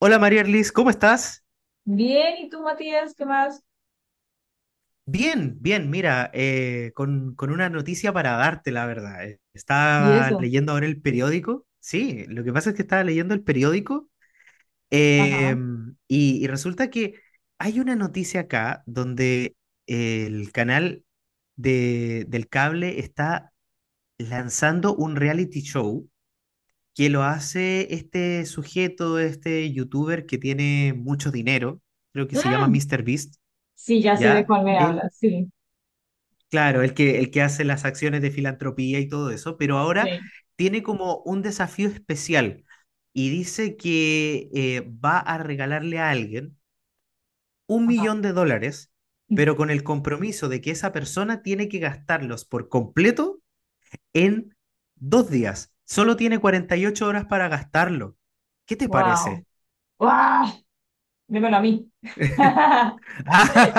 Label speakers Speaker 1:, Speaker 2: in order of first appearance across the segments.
Speaker 1: Hola María Erlis, ¿cómo estás?
Speaker 2: Bien, ¿y tú, Matías? ¿Qué más?
Speaker 1: Bien, bien, mira, con una noticia para darte, la verdad.
Speaker 2: Y
Speaker 1: Estaba
Speaker 2: eso,
Speaker 1: leyendo ahora el periódico, sí, lo que pasa es que estaba leyendo el periódico eh,
Speaker 2: ajá.
Speaker 1: y resulta que hay una noticia acá donde el canal del cable está lanzando un reality show que lo hace este sujeto, este youtuber que tiene mucho dinero, creo que se llama
Speaker 2: Ah,
Speaker 1: Mr. Beast.
Speaker 2: sí, ya sé de
Speaker 1: ¿Ya?
Speaker 2: cuál me
Speaker 1: Él,
Speaker 2: hablas. Sí,
Speaker 1: claro, el que hace las acciones de filantropía y todo eso, pero ahora
Speaker 2: sí.
Speaker 1: tiene como un desafío especial y dice que va a regalarle a alguien un
Speaker 2: Ajá.
Speaker 1: millón de dólares, pero con el compromiso de que esa persona tiene que gastarlos por completo en dos días. Solo tiene 48 horas para gastarlo. ¿Qué te
Speaker 2: Wow.
Speaker 1: parece?
Speaker 2: ¡Wow! Dímelo a mí.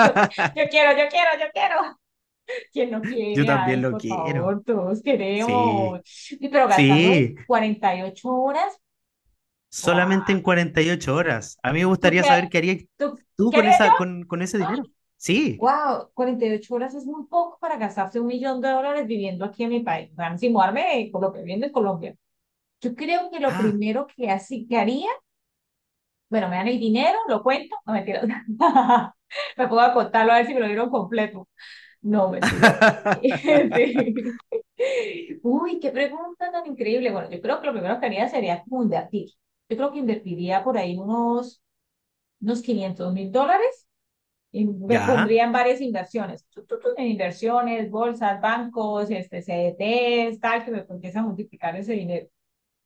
Speaker 2: Yo, yo quiero. ¿Quién no
Speaker 1: Yo
Speaker 2: quiere?
Speaker 1: también
Speaker 2: Ay,
Speaker 1: lo
Speaker 2: por
Speaker 1: quiero.
Speaker 2: favor, todos queremos.
Speaker 1: Sí,
Speaker 2: Y pero gastarlo en
Speaker 1: sí.
Speaker 2: 48 horas. ¡Wow!
Speaker 1: Solamente en 48 horas. A mí me
Speaker 2: ¿Tú
Speaker 1: gustaría
Speaker 2: qué,
Speaker 1: saber qué harías
Speaker 2: tú,
Speaker 1: tú
Speaker 2: qué
Speaker 1: con
Speaker 2: haría yo?
Speaker 1: con ese dinero. Sí.
Speaker 2: ¡Wow! 48 horas es muy poco para gastarse $1 millón viviendo aquí en mi país. O sea, si mudarme, Colombia, viviendo en Colombia. Yo creo que lo
Speaker 1: Ah.
Speaker 2: primero que así que haría, bueno, me dan el dinero, lo cuento, no mentiras. Me pongo a contarlo a ver si me lo dieron completo. No, mentiras. Sí. Uy, qué pregunta tan increíble. Bueno, yo creo que lo primero que haría sería como invertir. Yo creo que invertiría por ahí unos $500.000 y me
Speaker 1: Ya.
Speaker 2: pondría en varias inversiones. En inversiones, bolsas, bancos, este, CDTs, tal, que me empiece a multiplicar ese dinero.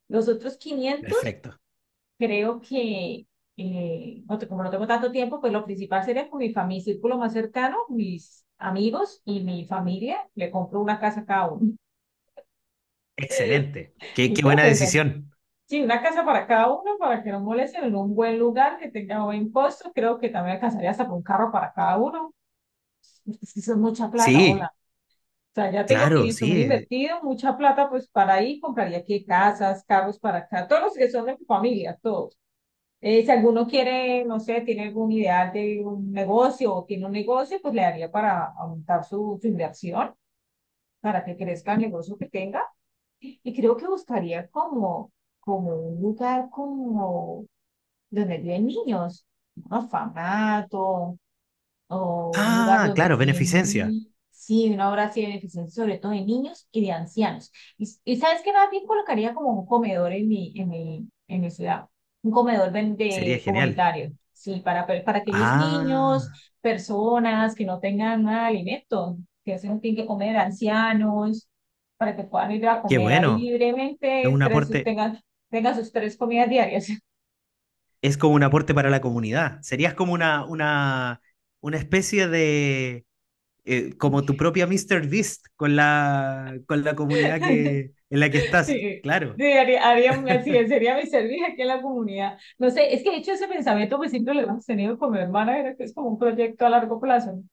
Speaker 2: Los otros quinientos.
Speaker 1: Perfecto.
Speaker 2: Creo que, como no tengo tanto tiempo, pues lo principal sería con mi familia, círculo más cercano, mis amigos y mi familia. Le compro una casa a cada uno.
Speaker 1: Excelente. Qué,
Speaker 2: Yo
Speaker 1: qué
Speaker 2: creo
Speaker 1: buena
Speaker 2: que
Speaker 1: decisión.
Speaker 2: sí, una casa para cada uno, para que no molesten en un buen lugar, que tenga buen costo. Creo que también alcanzaría hasta por un carro para cada uno. Es que eso es mucha plata,
Speaker 1: Sí,
Speaker 2: hola. O sea, ya tengo
Speaker 1: claro,
Speaker 2: quinientos
Speaker 1: sí.
Speaker 2: mil
Speaker 1: Eh.
Speaker 2: invertido, mucha plata, pues para ahí compraría aquí casas, carros para acá, todos los que son de mi familia, todos. Si alguno quiere, no sé, tiene alguna idea de un negocio o tiene un negocio, pues le daría para aumentar su inversión, para que crezca el negocio que tenga. Y creo que buscaría como un lugar como donde viven niños, un orfanato, o un lugar
Speaker 1: Ah,
Speaker 2: donde
Speaker 1: claro,
Speaker 2: piden
Speaker 1: beneficencia.
Speaker 2: un, sí, una obra así beneficente, sobre todo de niños y de ancianos. Y sabes que más bien colocaría como un comedor en mi ciudad, un comedor
Speaker 1: Sería genial.
Speaker 2: comunitario, sí, para aquellos niños,
Speaker 1: Ah,
Speaker 2: personas que no tengan nada de alimento, que se no tienen que comer, ancianos, para que puedan ir a
Speaker 1: qué
Speaker 2: comer ahí
Speaker 1: bueno. Es
Speaker 2: libremente,
Speaker 1: un aporte,
Speaker 2: tengan sus tres comidas diarias.
Speaker 1: es como un aporte para la comunidad. Serías como una especie de como tu propia Mr. Beast con la comunidad en la que estás.
Speaker 2: Sí,
Speaker 1: Claro.
Speaker 2: sí, haría así es, sería mi servicio aquí en la comunidad. No sé, es que de hecho ese pensamiento pues siempre lo hemos tenido con mi hermana, era que es como un proyecto a largo plazo, ¿no?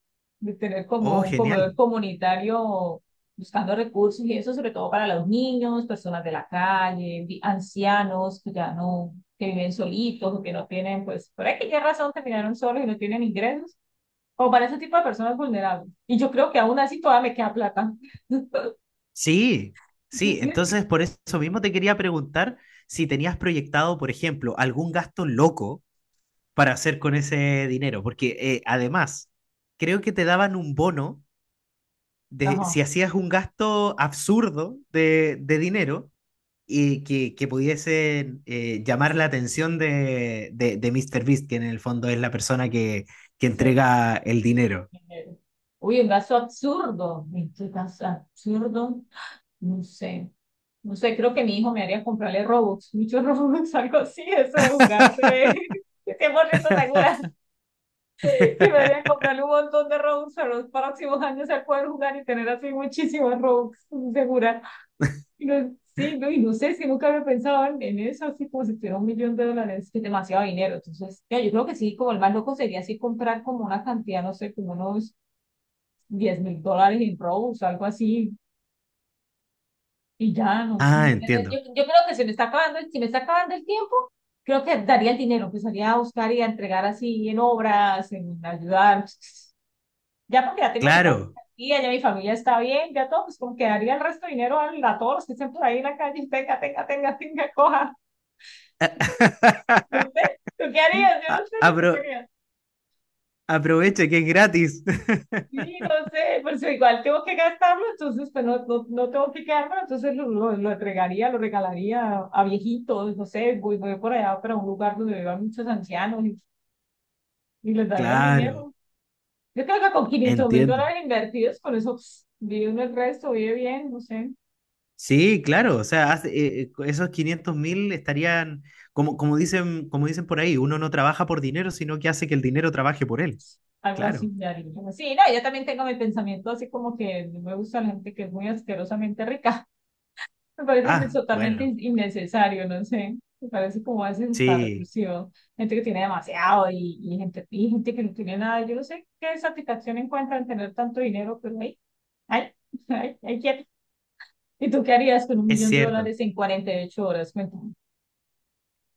Speaker 2: De tener como
Speaker 1: Oh,
Speaker 2: un
Speaker 1: genial.
Speaker 2: comedor comunitario buscando recursos y eso sobre todo para los niños, personas de la calle, ancianos que ya no, que viven solitos o que no tienen, pues, por aquella razón terminaron solos y no tienen ingresos, o para ese tipo de personas vulnerables. Y yo creo que aún así todavía me queda plata.
Speaker 1: Sí, sí.
Speaker 2: ¿Sí?
Speaker 1: Entonces, por eso mismo te quería preguntar si tenías proyectado, por ejemplo, algún gasto loco para hacer con ese dinero, porque además, creo que te daban un bono de si
Speaker 2: Ajá,
Speaker 1: hacías un gasto absurdo de dinero, y que pudiese llamar la atención de Mr. Beast, que en el fondo es la persona que
Speaker 2: sí.
Speaker 1: entrega el dinero.
Speaker 2: Uy, un gasto absurdo. Este gasto absurdo. No sé. No sé, creo que mi hijo me haría comprarle Robux, muchos Robux, algo así, eso de jugar de 100% segura, que me haría comprarle un montón de Robux a los próximos años al poder jugar y tener así muchísimos Robux, segura. Sí, no, y no sé, si nunca había pensado en eso, así como si tuviera $1 millón, que es demasiado dinero. Entonces, ya, yo creo que sí, como el más loco sería así comprar como una cantidad, no sé, como unos $10.000 en robos, algo así, y ya, no sé.
Speaker 1: Ah,
Speaker 2: Yo,
Speaker 1: entiendo.
Speaker 2: yo creo que se me está acabando, si me está acabando el tiempo, creo que daría el dinero, empezaría a buscar y a entregar así en obras, en ayudar. Ya porque ya tengo mi parte
Speaker 1: Claro.
Speaker 2: aquí, ya mi familia está bien, ya todo, pues como que daría el resto de dinero a todos los que estén por ahí en la calle, tenga, tenga, tenga, tenga, coja. No sé, ¿tú qué harías? Yo no sé, ¿tú qué
Speaker 1: Apro-
Speaker 2: harías?
Speaker 1: aproveche que es gratis.
Speaker 2: Sí, no sé, pues igual tengo que gastarlo, entonces pues no, no, no tengo que quedármelo, entonces lo entregaría, lo regalaría a viejitos, no sé, voy por allá para un lugar donde vivan muchos ancianos y les daría el
Speaker 1: Claro,
Speaker 2: dinero. Yo creo que con quinientos mil
Speaker 1: entiendo.
Speaker 2: dólares invertidos, con eso pss, vive uno el resto, vive bien, no sé,
Speaker 1: Sí, claro, o sea, esos 500 mil estarían, como, como dicen por ahí, uno no trabaja por dinero, sino que hace que el dinero trabaje por él.
Speaker 2: algo así.
Speaker 1: Claro.
Speaker 2: Ya haría. Sí, no, yo también tengo mi pensamiento así como que no me gusta la gente que es muy asquerosamente rica. Me parece
Speaker 1: Ah, bueno,
Speaker 2: innecesario, no sé. Me parece como hace esta
Speaker 1: sí,
Speaker 2: reclusión. Gente que tiene demasiado y, y gente que no tiene nada. Yo no sé qué satisfacción encuentra en tener tanto dinero, pero ahí, ay, ay, quieto. ¿Y tú qué harías con un
Speaker 1: es
Speaker 2: millón de
Speaker 1: cierto.
Speaker 2: dólares en 48 horas? Cuéntame.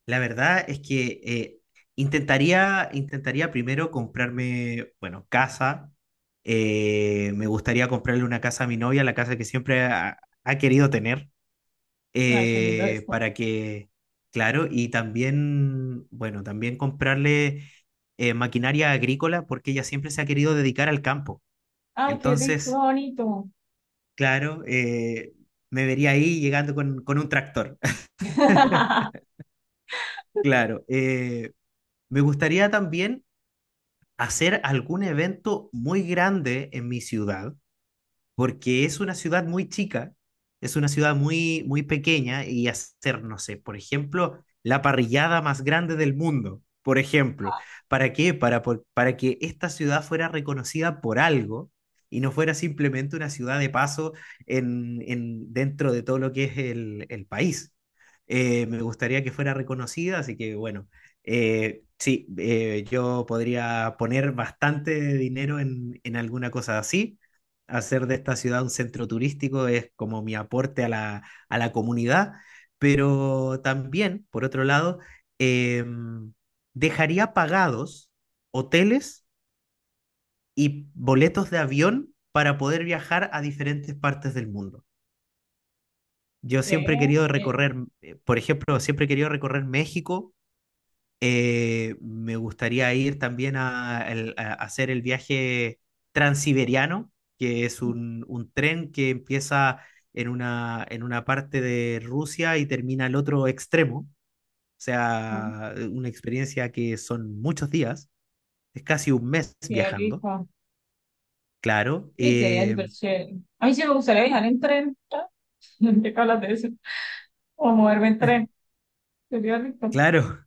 Speaker 1: La verdad es que intentaría primero comprarme, bueno, casa. Me gustaría comprarle una casa a mi novia, la casa que siempre ha querido tener,
Speaker 2: Ay, qué lindo esto.
Speaker 1: para que, claro, y también, bueno, también comprarle maquinaria agrícola porque ella siempre se ha querido dedicar al campo.
Speaker 2: Ay, qué rico,
Speaker 1: Entonces,
Speaker 2: bonito.
Speaker 1: claro, me vería ahí llegando con un tractor. Claro, me gustaría también hacer algún evento muy grande en mi ciudad porque es una ciudad muy chica, es una ciudad muy pequeña y hacer, no sé, por ejemplo, la parrillada más grande del mundo, por ejemplo. ¿Para qué? Para que esta ciudad fuera reconocida por algo y no fuera simplemente una ciudad de paso dentro de todo lo que es el país. Me gustaría que fuera reconocida, así que bueno, sí, yo podría poner bastante dinero en alguna cosa así, hacer de esta ciudad un centro turístico, es como mi aporte a a la comunidad, pero también, por otro lado, eh, dejaría pagados hoteles y boletos de avión para poder viajar a diferentes partes del mundo. Yo siempre he
Speaker 2: Eh,
Speaker 1: querido
Speaker 2: eh,
Speaker 1: recorrer, por ejemplo, siempre he querido recorrer México. Me gustaría ir también a hacer el viaje transiberiano, que es un tren que empieza en una parte de Rusia y termina al otro extremo. O
Speaker 2: no,
Speaker 1: sea, una experiencia que son muchos días, es casi un mes
Speaker 2: qué
Speaker 1: viajando,
Speaker 2: rico.
Speaker 1: claro,
Speaker 2: Sí, sería súper chévere. A mí sí me gustaría viajar en tren. ¿Qué hablas de eso? O moverme en tren. Sería rico.
Speaker 1: claro,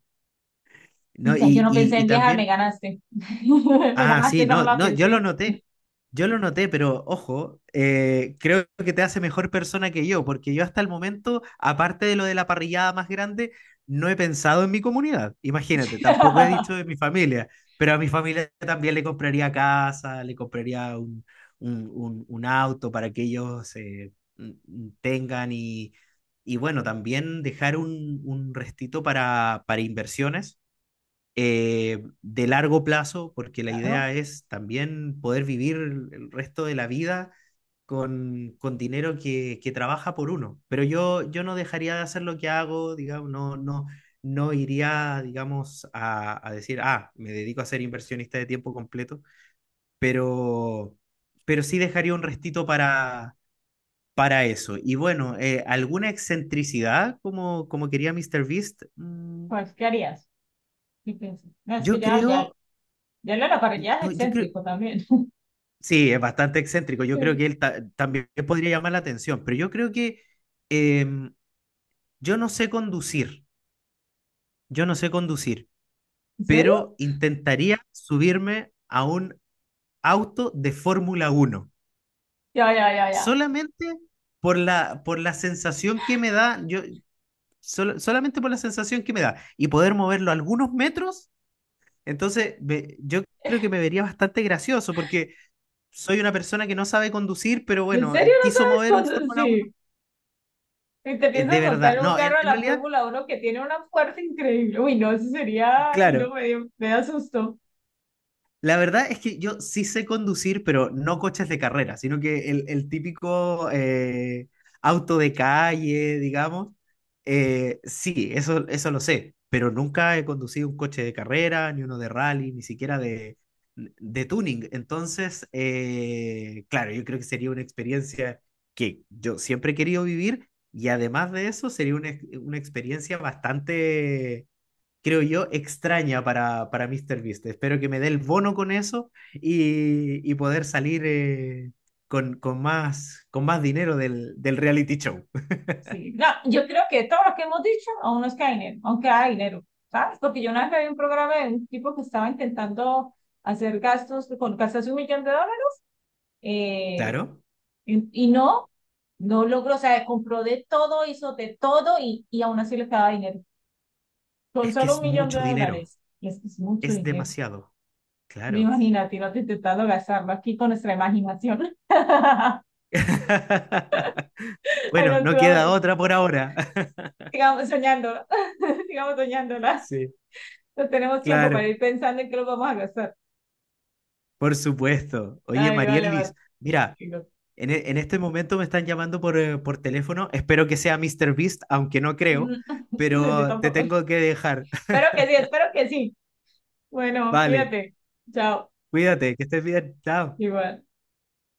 Speaker 2: O
Speaker 1: ¿no?
Speaker 2: sea, yo
Speaker 1: Y,
Speaker 2: no pensé
Speaker 1: y, y
Speaker 2: en viajar, me
Speaker 1: también.
Speaker 2: ganaste. Me
Speaker 1: Ah,
Speaker 2: ganaste,
Speaker 1: sí,
Speaker 2: esa no
Speaker 1: no,
Speaker 2: la
Speaker 1: no, yo lo
Speaker 2: pensé.
Speaker 1: noté. Yo lo noté, pero ojo, creo que te hace mejor persona que yo, porque yo hasta el momento, aparte de lo de la parrillada más grande, no he pensado en mi comunidad. Imagínate, tampoco he dicho de mi familia, pero a mi familia también le compraría casa, le compraría un auto para que ellos tengan y bueno, también dejar un restito para inversiones de largo plazo, porque la
Speaker 2: Claro,
Speaker 1: idea es también poder vivir el resto de la vida con dinero que trabaja por uno. Pero yo no dejaría de hacer lo que hago, digamos, no, no iría, digamos, a decir, ah, me dedico a ser inversionista de tiempo completo, pero, pero sí dejaría un restito para... Para eso. Y bueno, ¿alguna excentricidad como, como quería Mr. Beast? Mm,
Speaker 2: pues, ¿qué harías? ¿Qué piensas? No, es que
Speaker 1: yo creo,
Speaker 2: ya lo era, para ya es
Speaker 1: no, yo creo,
Speaker 2: excéntrico también.
Speaker 1: sí, es bastante excéntrico. Yo creo
Speaker 2: Sí.
Speaker 1: que él también podría llamar la atención, pero yo creo que em, yo no sé conducir, yo no sé conducir,
Speaker 2: ¿En serio?
Speaker 1: pero intentaría subirme a un auto de Fórmula uno,
Speaker 2: Ya, ya, ya, ya.
Speaker 1: solamente por por la sensación que me da, yo, solamente por la sensación que me da, y poder moverlo algunos metros, entonces yo creo que me vería bastante gracioso, porque soy una persona que no sabe conducir, pero
Speaker 2: ¿En
Speaker 1: bueno,
Speaker 2: serio no
Speaker 1: quiso
Speaker 2: sabes
Speaker 1: mover un
Speaker 2: cuándo?
Speaker 1: Fórmula.
Speaker 2: Sí. Y te
Speaker 1: De
Speaker 2: piensas montar
Speaker 1: verdad,
Speaker 2: en un
Speaker 1: no,
Speaker 2: carro de
Speaker 1: en
Speaker 2: la
Speaker 1: realidad,
Speaker 2: Fórmula Uno que tiene una fuerza increíble. Uy, no, eso sería, y
Speaker 1: claro,
Speaker 2: no me dio, me da susto.
Speaker 1: la verdad es que yo sí sé conducir, pero no coches de carrera, sino que el típico auto de calle, digamos, sí, eso lo sé, pero nunca he conducido un coche de carrera, ni uno de rally, ni siquiera de tuning. Entonces, claro, yo creo que sería una experiencia que yo siempre he querido vivir y además de eso, sería una experiencia bastante, creo yo, extraña para MrBeast. Espero que me dé el bono con eso y poder salir con más dinero del reality show.
Speaker 2: Sí, no, yo creo que todo lo que hemos dicho aún no es que hay dinero, aunque hay dinero, ¿sabes? Porque yo una vez vi un programa de un tipo que estaba intentando hacer gastos con gastarse un millón de dólares eh,
Speaker 1: Claro,
Speaker 2: y no, no logró, o sea, compró de todo, hizo de todo y aún así le quedaba dinero, con
Speaker 1: es que
Speaker 2: solo un
Speaker 1: es
Speaker 2: millón de
Speaker 1: mucho dinero,
Speaker 2: dólares. Y es que es mucho
Speaker 1: es
Speaker 2: dinero.
Speaker 1: demasiado,
Speaker 2: Me
Speaker 1: claro.
Speaker 2: imagínate, no te intentando gastarlo aquí con nuestra imaginación. Ay,
Speaker 1: Bueno,
Speaker 2: no, tú,
Speaker 1: no queda otra por ahora.
Speaker 2: sigamos soñándola, sigamos soñándola.
Speaker 1: Sí,
Speaker 2: No tenemos tiempo para
Speaker 1: claro,
Speaker 2: ir pensando en qué lo vamos a gastar.
Speaker 1: por supuesto. Oye,
Speaker 2: Ay, vale, vale.
Speaker 1: Marierlis, mira,
Speaker 2: Digo,
Speaker 1: en, en este momento me están llamando por teléfono. Espero que sea MrBeast, aunque no creo,
Speaker 2: yo
Speaker 1: pero te
Speaker 2: tampoco.
Speaker 1: tengo que dejar.
Speaker 2: Espero que sí, espero que sí. Bueno,
Speaker 1: Vale,
Speaker 2: fíjate. Chao.
Speaker 1: cuídate, que estés bien, chao.
Speaker 2: Igual.